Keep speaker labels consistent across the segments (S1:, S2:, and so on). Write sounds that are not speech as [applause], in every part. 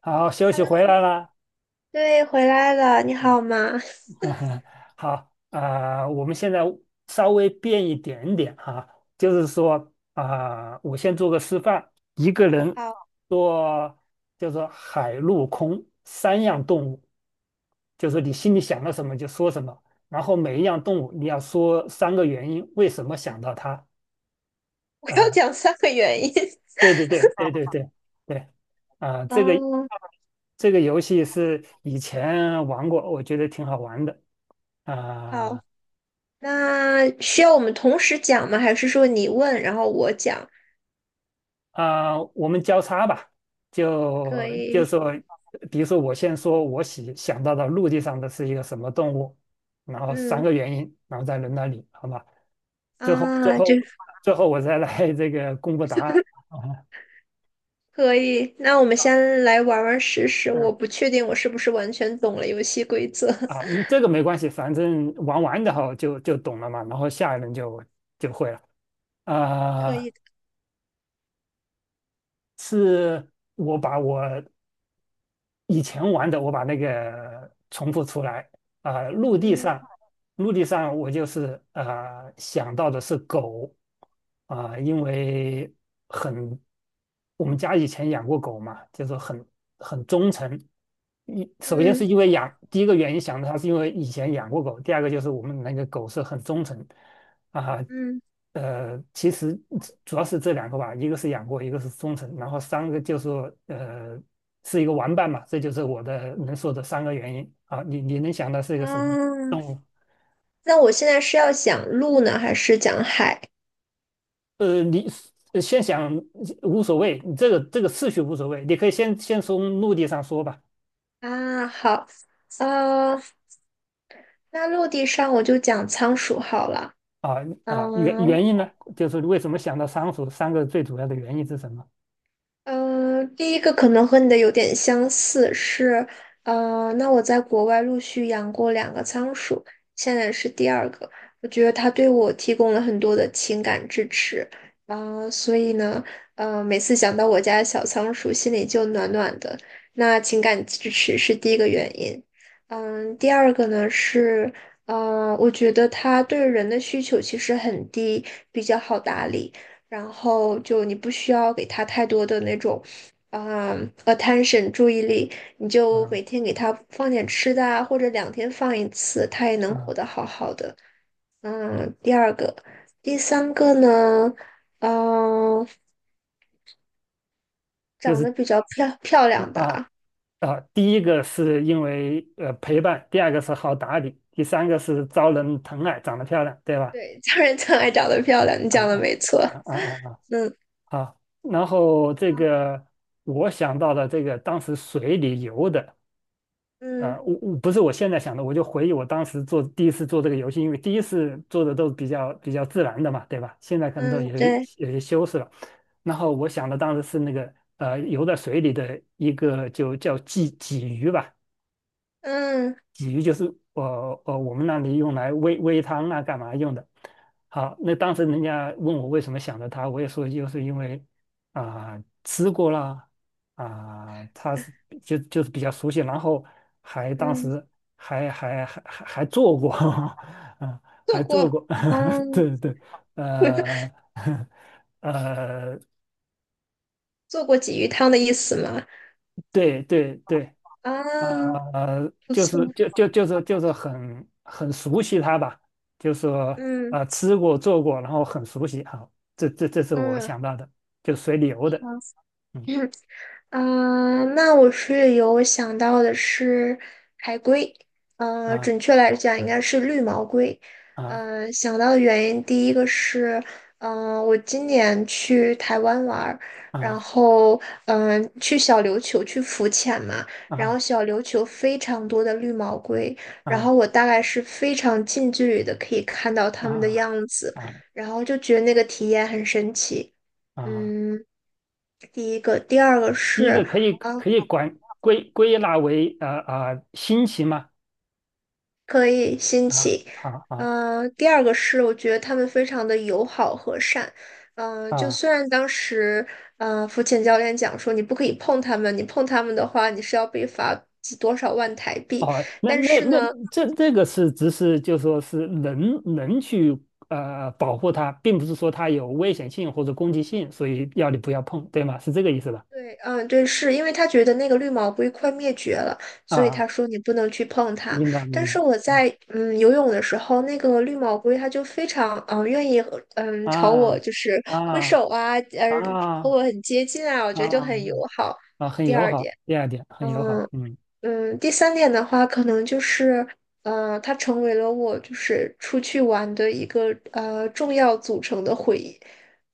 S1: 好，休息
S2: Hello，
S1: 回来了。
S2: 对，回来了，你好吗？[laughs]
S1: [laughs] 好，我们现在稍微变一点点。我先做个示范，一个人
S2: 好，
S1: 做就是海陆空三样动物，就是你心里想到什么就说什么。然后每一样动物你要说三个原因，为什么想到它？
S2: 我要
S1: 啊、
S2: 讲三个原因。[laughs]
S1: 对对对对对对对，啊、这个
S2: 嗯，
S1: 这个游戏是以前玩过，我觉得挺好玩的。啊、
S2: 好，那需要我们同时讲吗？还是说你问，然后我讲？
S1: 我们交叉吧，
S2: 可
S1: 就
S2: 以。
S1: 说，比如说我先说我喜想到的陆地上的是一个什么动物，然后三
S2: 嗯。
S1: 个原因，然后再轮到你，好吧？最后最
S2: 啊，
S1: 后
S2: 这
S1: 最后我再来这个公布答案 [laughs]。啊
S2: 可以。那我们先来玩玩试试。我
S1: 嗯
S2: 不确定我是不是完全懂了游戏规则。[laughs]
S1: 嗯,这个没关系，反正玩完的哈，就懂了嘛，然后下一轮就会了。
S2: 可
S1: 啊、
S2: 以的。
S1: 是我把我以前玩的，我把那个重复出来。陆地
S2: 嗯
S1: 上，陆地上我就是想到的是狗。因为很，我们家以前养过狗嘛，就是很很忠诚。一首先是
S2: 嗯
S1: 因为养，第一个原因想到它是因为以前养过狗，第二个就是我们那个狗是很忠诚啊。
S2: 嗯。
S1: 其实主要是这两个吧，一个是养过，一个是忠诚，然后三个就是说。是一个玩伴嘛，这就是我的能说的三个原因啊。你能想到是一个什么？
S2: 啊，那我现在是要讲陆呢，还是讲海？
S1: 你先想无所谓，你这个次序无所谓，你可以先从目的上说吧。
S2: 啊，好。啊，那陆地上我就讲仓鼠好了。
S1: 啊啊，原
S2: 嗯。
S1: 原因呢，就是为什么想到仓鼠三个最主要的原因是什么？
S2: 嗯，第一个可能和你的有点相似，是，那我在国外陆续养过两个仓鼠，现在是第二个，我觉得它对我提供了很多的情感支持。嗯、所以呢，每次想到我家小仓鼠，心里就暖暖的。那情感支持是第一个原因。嗯，第二个呢是，我觉得它对人的需求其实很低，比较好打理。然后就你不需要给他太多的那种attention 注意力，你就
S1: 嗯
S2: 每天给他放点吃的啊，或者2天放一次，他也能活
S1: 嗯，
S2: 得好好的。嗯，第二个，第三个呢，嗯、
S1: 就
S2: 长得
S1: 是
S2: 比较漂亮
S1: 啊
S2: 吧。
S1: 第一个是因为陪伴，第二个是好打理，第三个是招人疼爱，长得漂亮，对吧？
S2: 对，家人更爱长得漂亮，你
S1: 啊
S2: 讲的
S1: 啊
S2: 没错。
S1: 啊啊啊！
S2: 嗯
S1: 啊，然后这个我想到了这个当时水里游的。
S2: 嗯
S1: 我我不是我现在想的，我就回忆我当时做第一次做这个游戏，因为第一次做的都比较自然的嘛，对吧？现在可能都
S2: 嗯。
S1: 有些
S2: 对。
S1: 修饰了。然后我想的当时是那个游在水里的一个就叫鲫鱼吧，
S2: 嗯
S1: 鲫鱼就是我我们那里用来煨汤啊干嘛用的。好，那当时人家问我为什么想着它，我也说就是因为啊、吃过啦，它是是比较熟悉，然后还当
S2: 嗯。
S1: 时还做过。[laughs]
S2: 做
S1: 还做
S2: 过。
S1: 过。[laughs]
S2: 嗯。
S1: 对对，呃 [laughs] 呃，
S2: 做过鲫鱼汤的意思吗？
S1: 对对对。
S2: 啊，不错。
S1: 就是很很熟悉它吧，就是
S2: 嗯
S1: 吃过做过，然后很熟悉。好，这是我
S2: 嗯。
S1: 想到的，就随里游的。
S2: 好。
S1: 嗯
S2: [clears throat] 嗯，那我是有想到的是海龟，
S1: 啊
S2: 准确来讲应该是绿毛龟。
S1: 啊
S2: 想到的原因，第一个是，嗯、我今年去台湾玩儿，然
S1: 啊
S2: 后，嗯、去小琉球去浮潜嘛，然后
S1: 啊
S2: 小琉球非常多的绿毛龟，然
S1: 啊
S2: 后我大概是非常近距离的可以看到它
S1: 啊
S2: 们的样子，
S1: 啊啊，
S2: 然后就觉得那个体验很神奇。
S1: 啊
S2: 嗯。第一个，第二个
S1: 第
S2: 是，
S1: 一个可以
S2: 啊，
S1: 管归纳为新奇吗？
S2: 可以新
S1: 啊
S2: 奇。
S1: 啊啊
S2: 嗯、第二个是，我觉得他们非常的友好和善。嗯、就
S1: 啊。
S2: 虽然当时，嗯、福浅教练讲说你不可以碰他们，你碰他们的话，你是要被罚多少万台币。
S1: 哦，那
S2: 但
S1: 那
S2: 是
S1: 那
S2: 呢，
S1: 这个是只是就说是能去保护它，并不是说它有危险性或者攻击性，所以要你不要碰，对吗？是这个意思吧？
S2: 对。嗯，对。是因为他觉得那个绿毛龟快灭绝了，所以
S1: 啊，
S2: 他说你不能去碰它。
S1: 明白
S2: 但
S1: 明
S2: 是
S1: 白。
S2: 我在游泳的时候，那个绿毛龟它就非常愿意和朝
S1: 啊
S2: 我就是挥
S1: 啊
S2: 手啊，
S1: 啊
S2: 和我很接近啊，我
S1: 啊
S2: 觉得就很友好。
S1: 很
S2: 第
S1: 友
S2: 二
S1: 好，
S2: 点。
S1: 第二点很友好。
S2: 嗯。
S1: 嗯
S2: 嗯，第三点的话，可能就是，它成为了我就是出去玩的一个重要组成的回忆，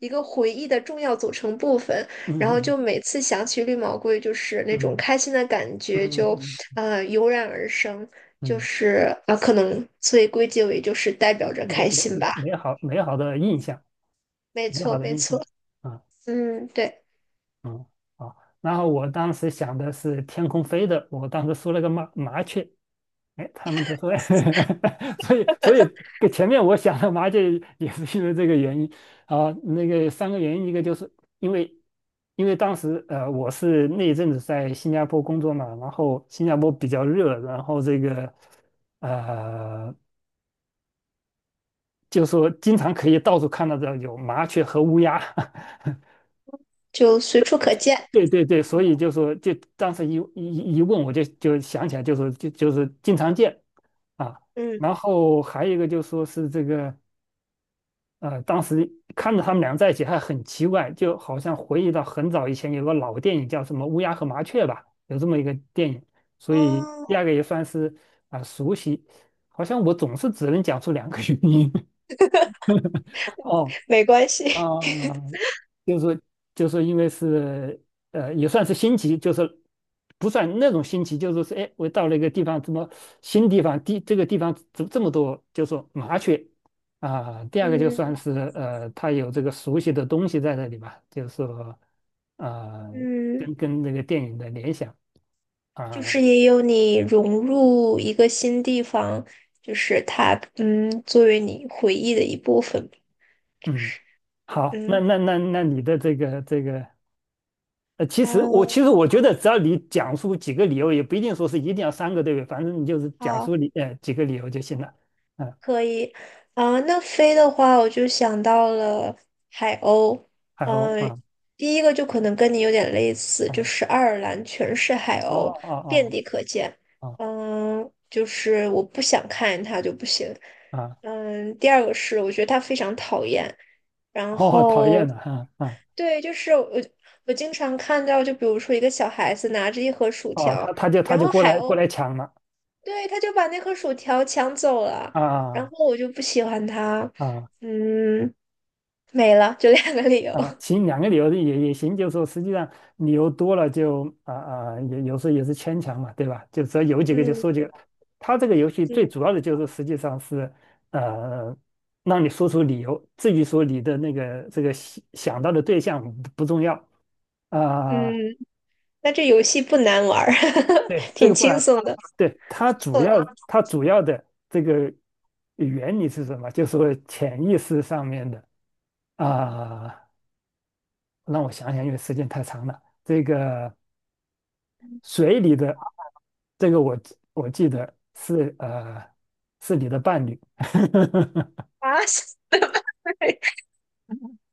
S2: 一个回忆的重要组成部分。然后
S1: 嗯
S2: 就每次想起绿毛龟，就是那种
S1: 嗯
S2: 开心的感觉就
S1: 嗯嗯
S2: 油然而生，
S1: 嗯，
S2: 就
S1: 嗯
S2: 是可能所以归结为就是代表着
S1: 美
S2: 开
S1: 美
S2: 心吧。
S1: 美美好美好的印象，
S2: 没
S1: 美好
S2: 错，
S1: 的
S2: 没
S1: 印
S2: 错。
S1: 象。啊
S2: 嗯，对。
S1: 嗯，好。然后我当时想的是天空飞的，我当时说了个麻雀，哎，他们都说。[laughs] 所以所以跟前面我想的麻雀也是因为这个原因。那个三个原因，一个就是因为当时我是那一阵子在新加坡工作嘛，然后新加坡比较热，然后这个呃就说经常可以到处看到的有麻雀和乌鸦。[laughs]
S2: 就随处可见。
S1: 对对对，所以就说，就当时一问，我就想起来，就是是经常见啊。
S2: 嗯。
S1: 然后还有一个就说是这个。当时看着他们俩在一起还很奇怪，就好像回忆到很早以前有个老电影叫什么《乌鸦和麻雀》吧，有这么一个电影。所以第
S2: 哦，
S1: 二个也算是熟悉，好像我总是只能讲出两个原因。[laughs] 哦，
S2: 没关
S1: 啊、
S2: 系。
S1: 就是就是因为是也算是新奇，就是不算那种新奇，就是说是哎，我到了一个地方，怎么新地方，地这个地方怎么这么多，就是说麻雀。第二个就
S2: [laughs]
S1: 算
S2: 嗯
S1: 是它有这个熟悉的东西在这里吧，就是说呃，
S2: 嗯。
S1: 跟那个电影的联想。
S2: 就
S1: 啊、
S2: 是也有你融入一个新地方，就是它，作为你回忆的一部分就
S1: 嗯，
S2: 是。
S1: 好，那
S2: 嗯
S1: 那那那你的这个其实
S2: 嗯。
S1: 我觉得，只要你讲出几个理由，也不一定说是一定要三个，对不对？反正你就是讲
S2: 好。
S1: 出几个理由就行了。嗯，
S2: 可以。啊、那飞的话，我就想到了海鸥。
S1: 还有。
S2: 嗯、
S1: 嗯
S2: 第一个就可能跟你有点类似，就
S1: 嗯，
S2: 是爱尔兰全是海
S1: 哦
S2: 鸥，
S1: 哦
S2: 遍
S1: 哦
S2: 地可见。
S1: 哦。
S2: 嗯、就是我不想看见它就不行。
S1: 啊，
S2: 嗯，第二个是我觉得它非常讨厌。然
S1: 哦，[laughs] 讨
S2: 后
S1: 厌了。嗯嗯，
S2: 对，就是我经常看到，就比如说一个小孩子拿着一盒薯
S1: 哦，他
S2: 条，
S1: 他就他
S2: 然
S1: 就
S2: 后海 [laughs]
S1: 过
S2: 鸥，
S1: 来抢了。
S2: 对，他就把那盒薯条抢走了，然
S1: 啊
S2: 后我就不喜欢他。
S1: 啊。
S2: 嗯，没了，就两个理由。
S1: 啊，其实两个理由也也行，就是说实际上理由多了就也有时候也是牵强嘛，对吧？就只要有
S2: [laughs]
S1: 几个就
S2: 嗯
S1: 说几个。它这个游戏
S2: 嗯
S1: 最主要的就是实际上是呃，让你说出理由，至于说你的那个这个想到的对象不重要。啊、
S2: 嗯。那这游戏不难玩儿。
S1: 对，
S2: [laughs]
S1: 这
S2: 挺
S1: 个不
S2: 轻
S1: 然。
S2: 松的。
S1: 对，它
S2: 不
S1: 主
S2: 错的
S1: 要它主要的这个原理是什么？就是说潜意识上面的。啊、让我想想，因为时间太长了，这个。水里的这个我我记得是是你的伴侣。[laughs]
S2: 啊。[laughs]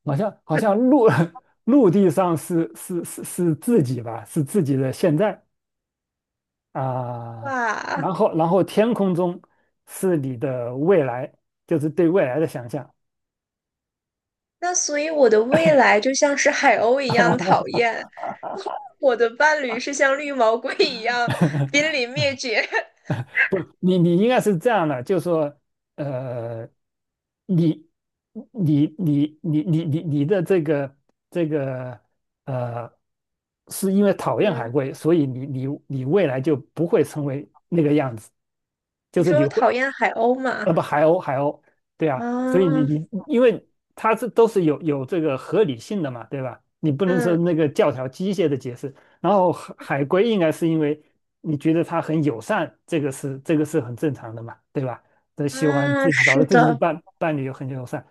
S1: 好像好像陆 [laughs] 陆地上是自己吧，是自己的现在。啊，
S2: 哇。
S1: 然后天空中是你的未来，就是对未来的想象。
S2: 那所以我的未来就像是海鸥一样讨
S1: [laughs]
S2: 厌，我的伴侣是像绿毛龟一样濒临灭绝。[laughs]
S1: 不，你你应该是这样的，就说呃，你你的这个呃，是因为讨厌海
S2: 嗯。
S1: 龟，所以你未来就不会成为那个样子，就
S2: 你
S1: 是
S2: 说
S1: 你
S2: 我
S1: 会。
S2: 讨厌海鸥嘛？
S1: 不，海鸥，海鸥，对啊，所以你
S2: 啊，
S1: 你，因为它是都是有这个合理性的嘛，对吧？你不能说
S2: 嗯。
S1: 那个教条机械的解释。然后海龟应该是因为你觉得它很友善，这个是很正常的嘛，对吧？这喜欢
S2: 啊，
S1: 自己找
S2: 是
S1: 到自己的
S2: 的。
S1: 伴侣很友善。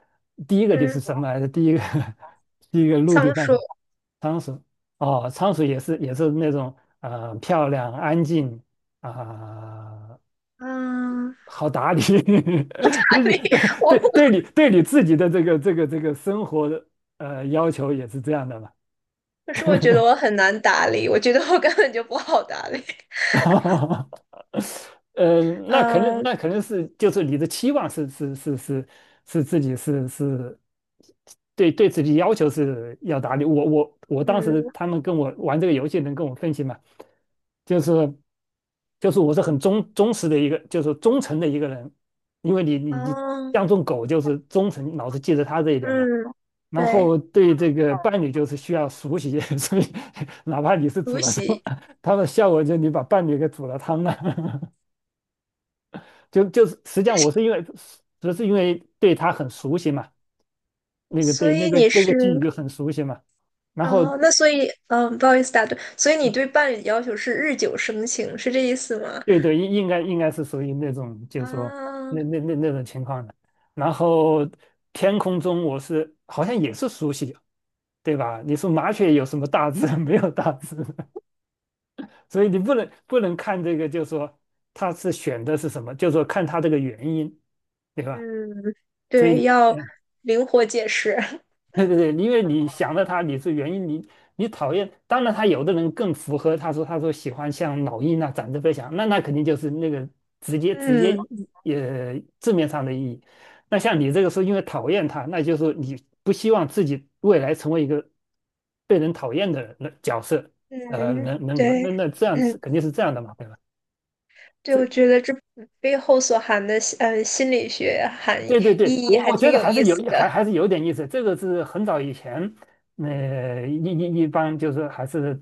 S1: 第一个就是
S2: 嗯。
S1: 什么来着？第一个 [laughs] 第一个陆地
S2: 仓
S1: 上的
S2: 鼠。
S1: 仓鼠。哦，仓鼠也是那种漂亮安静，啊、
S2: 嗯。
S1: 好打理，[laughs] 但是
S2: [laughs] 我
S1: 对你自己的这个生活的要求也是这样的嘛。
S2: 可是我觉得我很难打理，我觉得我根本就不好打理 [laughs]。
S1: [laughs] 哈哈。嗯，
S2: 嗯
S1: 那可能是就是你的期望是自己对对自己要求是要达到。我当时
S2: 嗯
S1: 他们跟我玩这个游戏，能跟我分析嘛？就是就是我是很忠实的一个，就是忠诚的一个人，因为你
S2: 啊
S1: 像种狗就是忠诚，老是记着它这一点嘛。
S2: 嗯。
S1: 然
S2: 对。
S1: 后对这个伴侣就是需要熟悉。[laughs] 所以哪怕你是煮
S2: 独
S1: 了汤，
S2: 席。
S1: 它的效果就是你把伴侣给煮了汤了。[laughs] 就就是实际上我是因为只是因为对他很熟悉嘛，那个
S2: 所
S1: 对那
S2: 以
S1: 个
S2: 你
S1: 这个剧
S2: 是
S1: 就很熟悉嘛。然后
S2: 啊，那所以不好意思打断，所以你对伴侣的要求是日久生情，是这意思吗？
S1: 对应该是属于那种就是说
S2: 啊。
S1: 那种情况的。然后天空中我是好像也是熟悉，对吧？你说麻雀有什么大志？[laughs] 没有大志。所以你不能看这个，就是说他是选的是什么，就是说看他这个原因，对吧？
S2: 嗯，
S1: 所以，
S2: 对。要
S1: 嗯。
S2: 灵活解释。[laughs]
S1: [laughs] 对对对，因为你想了他，你是原因，你讨厌。当然，他有的人更符合他说喜欢像老鹰啊、展翅飞翔，那那肯定就是那个直
S2: 嗯。
S1: 接也字面上的意义。那像你这个是因为讨厌他，那就是你不希望自己未来成为一个被人讨厌的角色。
S2: 嗯，
S1: 人格，
S2: 对。
S1: 这样
S2: 嗯，
S1: 是肯定是这样的嘛，对吧？
S2: 对，
S1: 所
S2: 我
S1: 以。
S2: 觉得这背后所含的心理学含
S1: 对对
S2: 意
S1: 对，
S2: 义
S1: 我
S2: 还
S1: 觉
S2: 挺
S1: 得
S2: 有
S1: 还
S2: 意
S1: 是有
S2: 思
S1: 一
S2: 的。
S1: 还是有点意思。这个是很早以前，一般就是还是，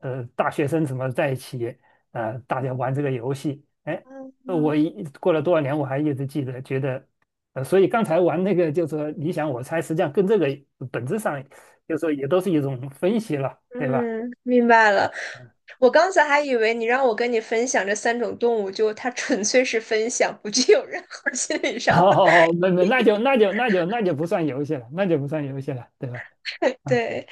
S1: 大学生什么在一起，大家玩这个游戏。哎，我
S2: 嗯
S1: 一过了多少年，我还一直记得，觉得。所以刚才玩那个就是说你想我猜，实际上跟这个本质上，就是说也都是一种分析了，对吧？
S2: 嗯。明白了。我刚才还以为你让我跟你分享这三种动物，就它纯粹是分享，不具有任何心理
S1: [laughs]
S2: 上的。
S1: 哦，没没，那就不算游戏了，不算游戏了，对吧？
S2: [laughs]
S1: 啊
S2: 对。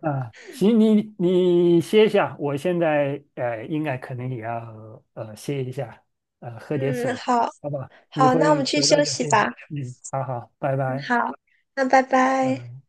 S1: 啊，行，你你歇一下，我现在应该可能也要歇一下，喝点
S2: 嗯。
S1: 水，
S2: 好。
S1: 好吧？你
S2: 好，那我
S1: 会
S2: 们去
S1: 回到
S2: 休
S1: 有
S2: 息
S1: 兴趣
S2: 吧。
S1: 嗯，好好，拜
S2: 嗯，
S1: 拜。
S2: 好。那拜拜。
S1: 嗯。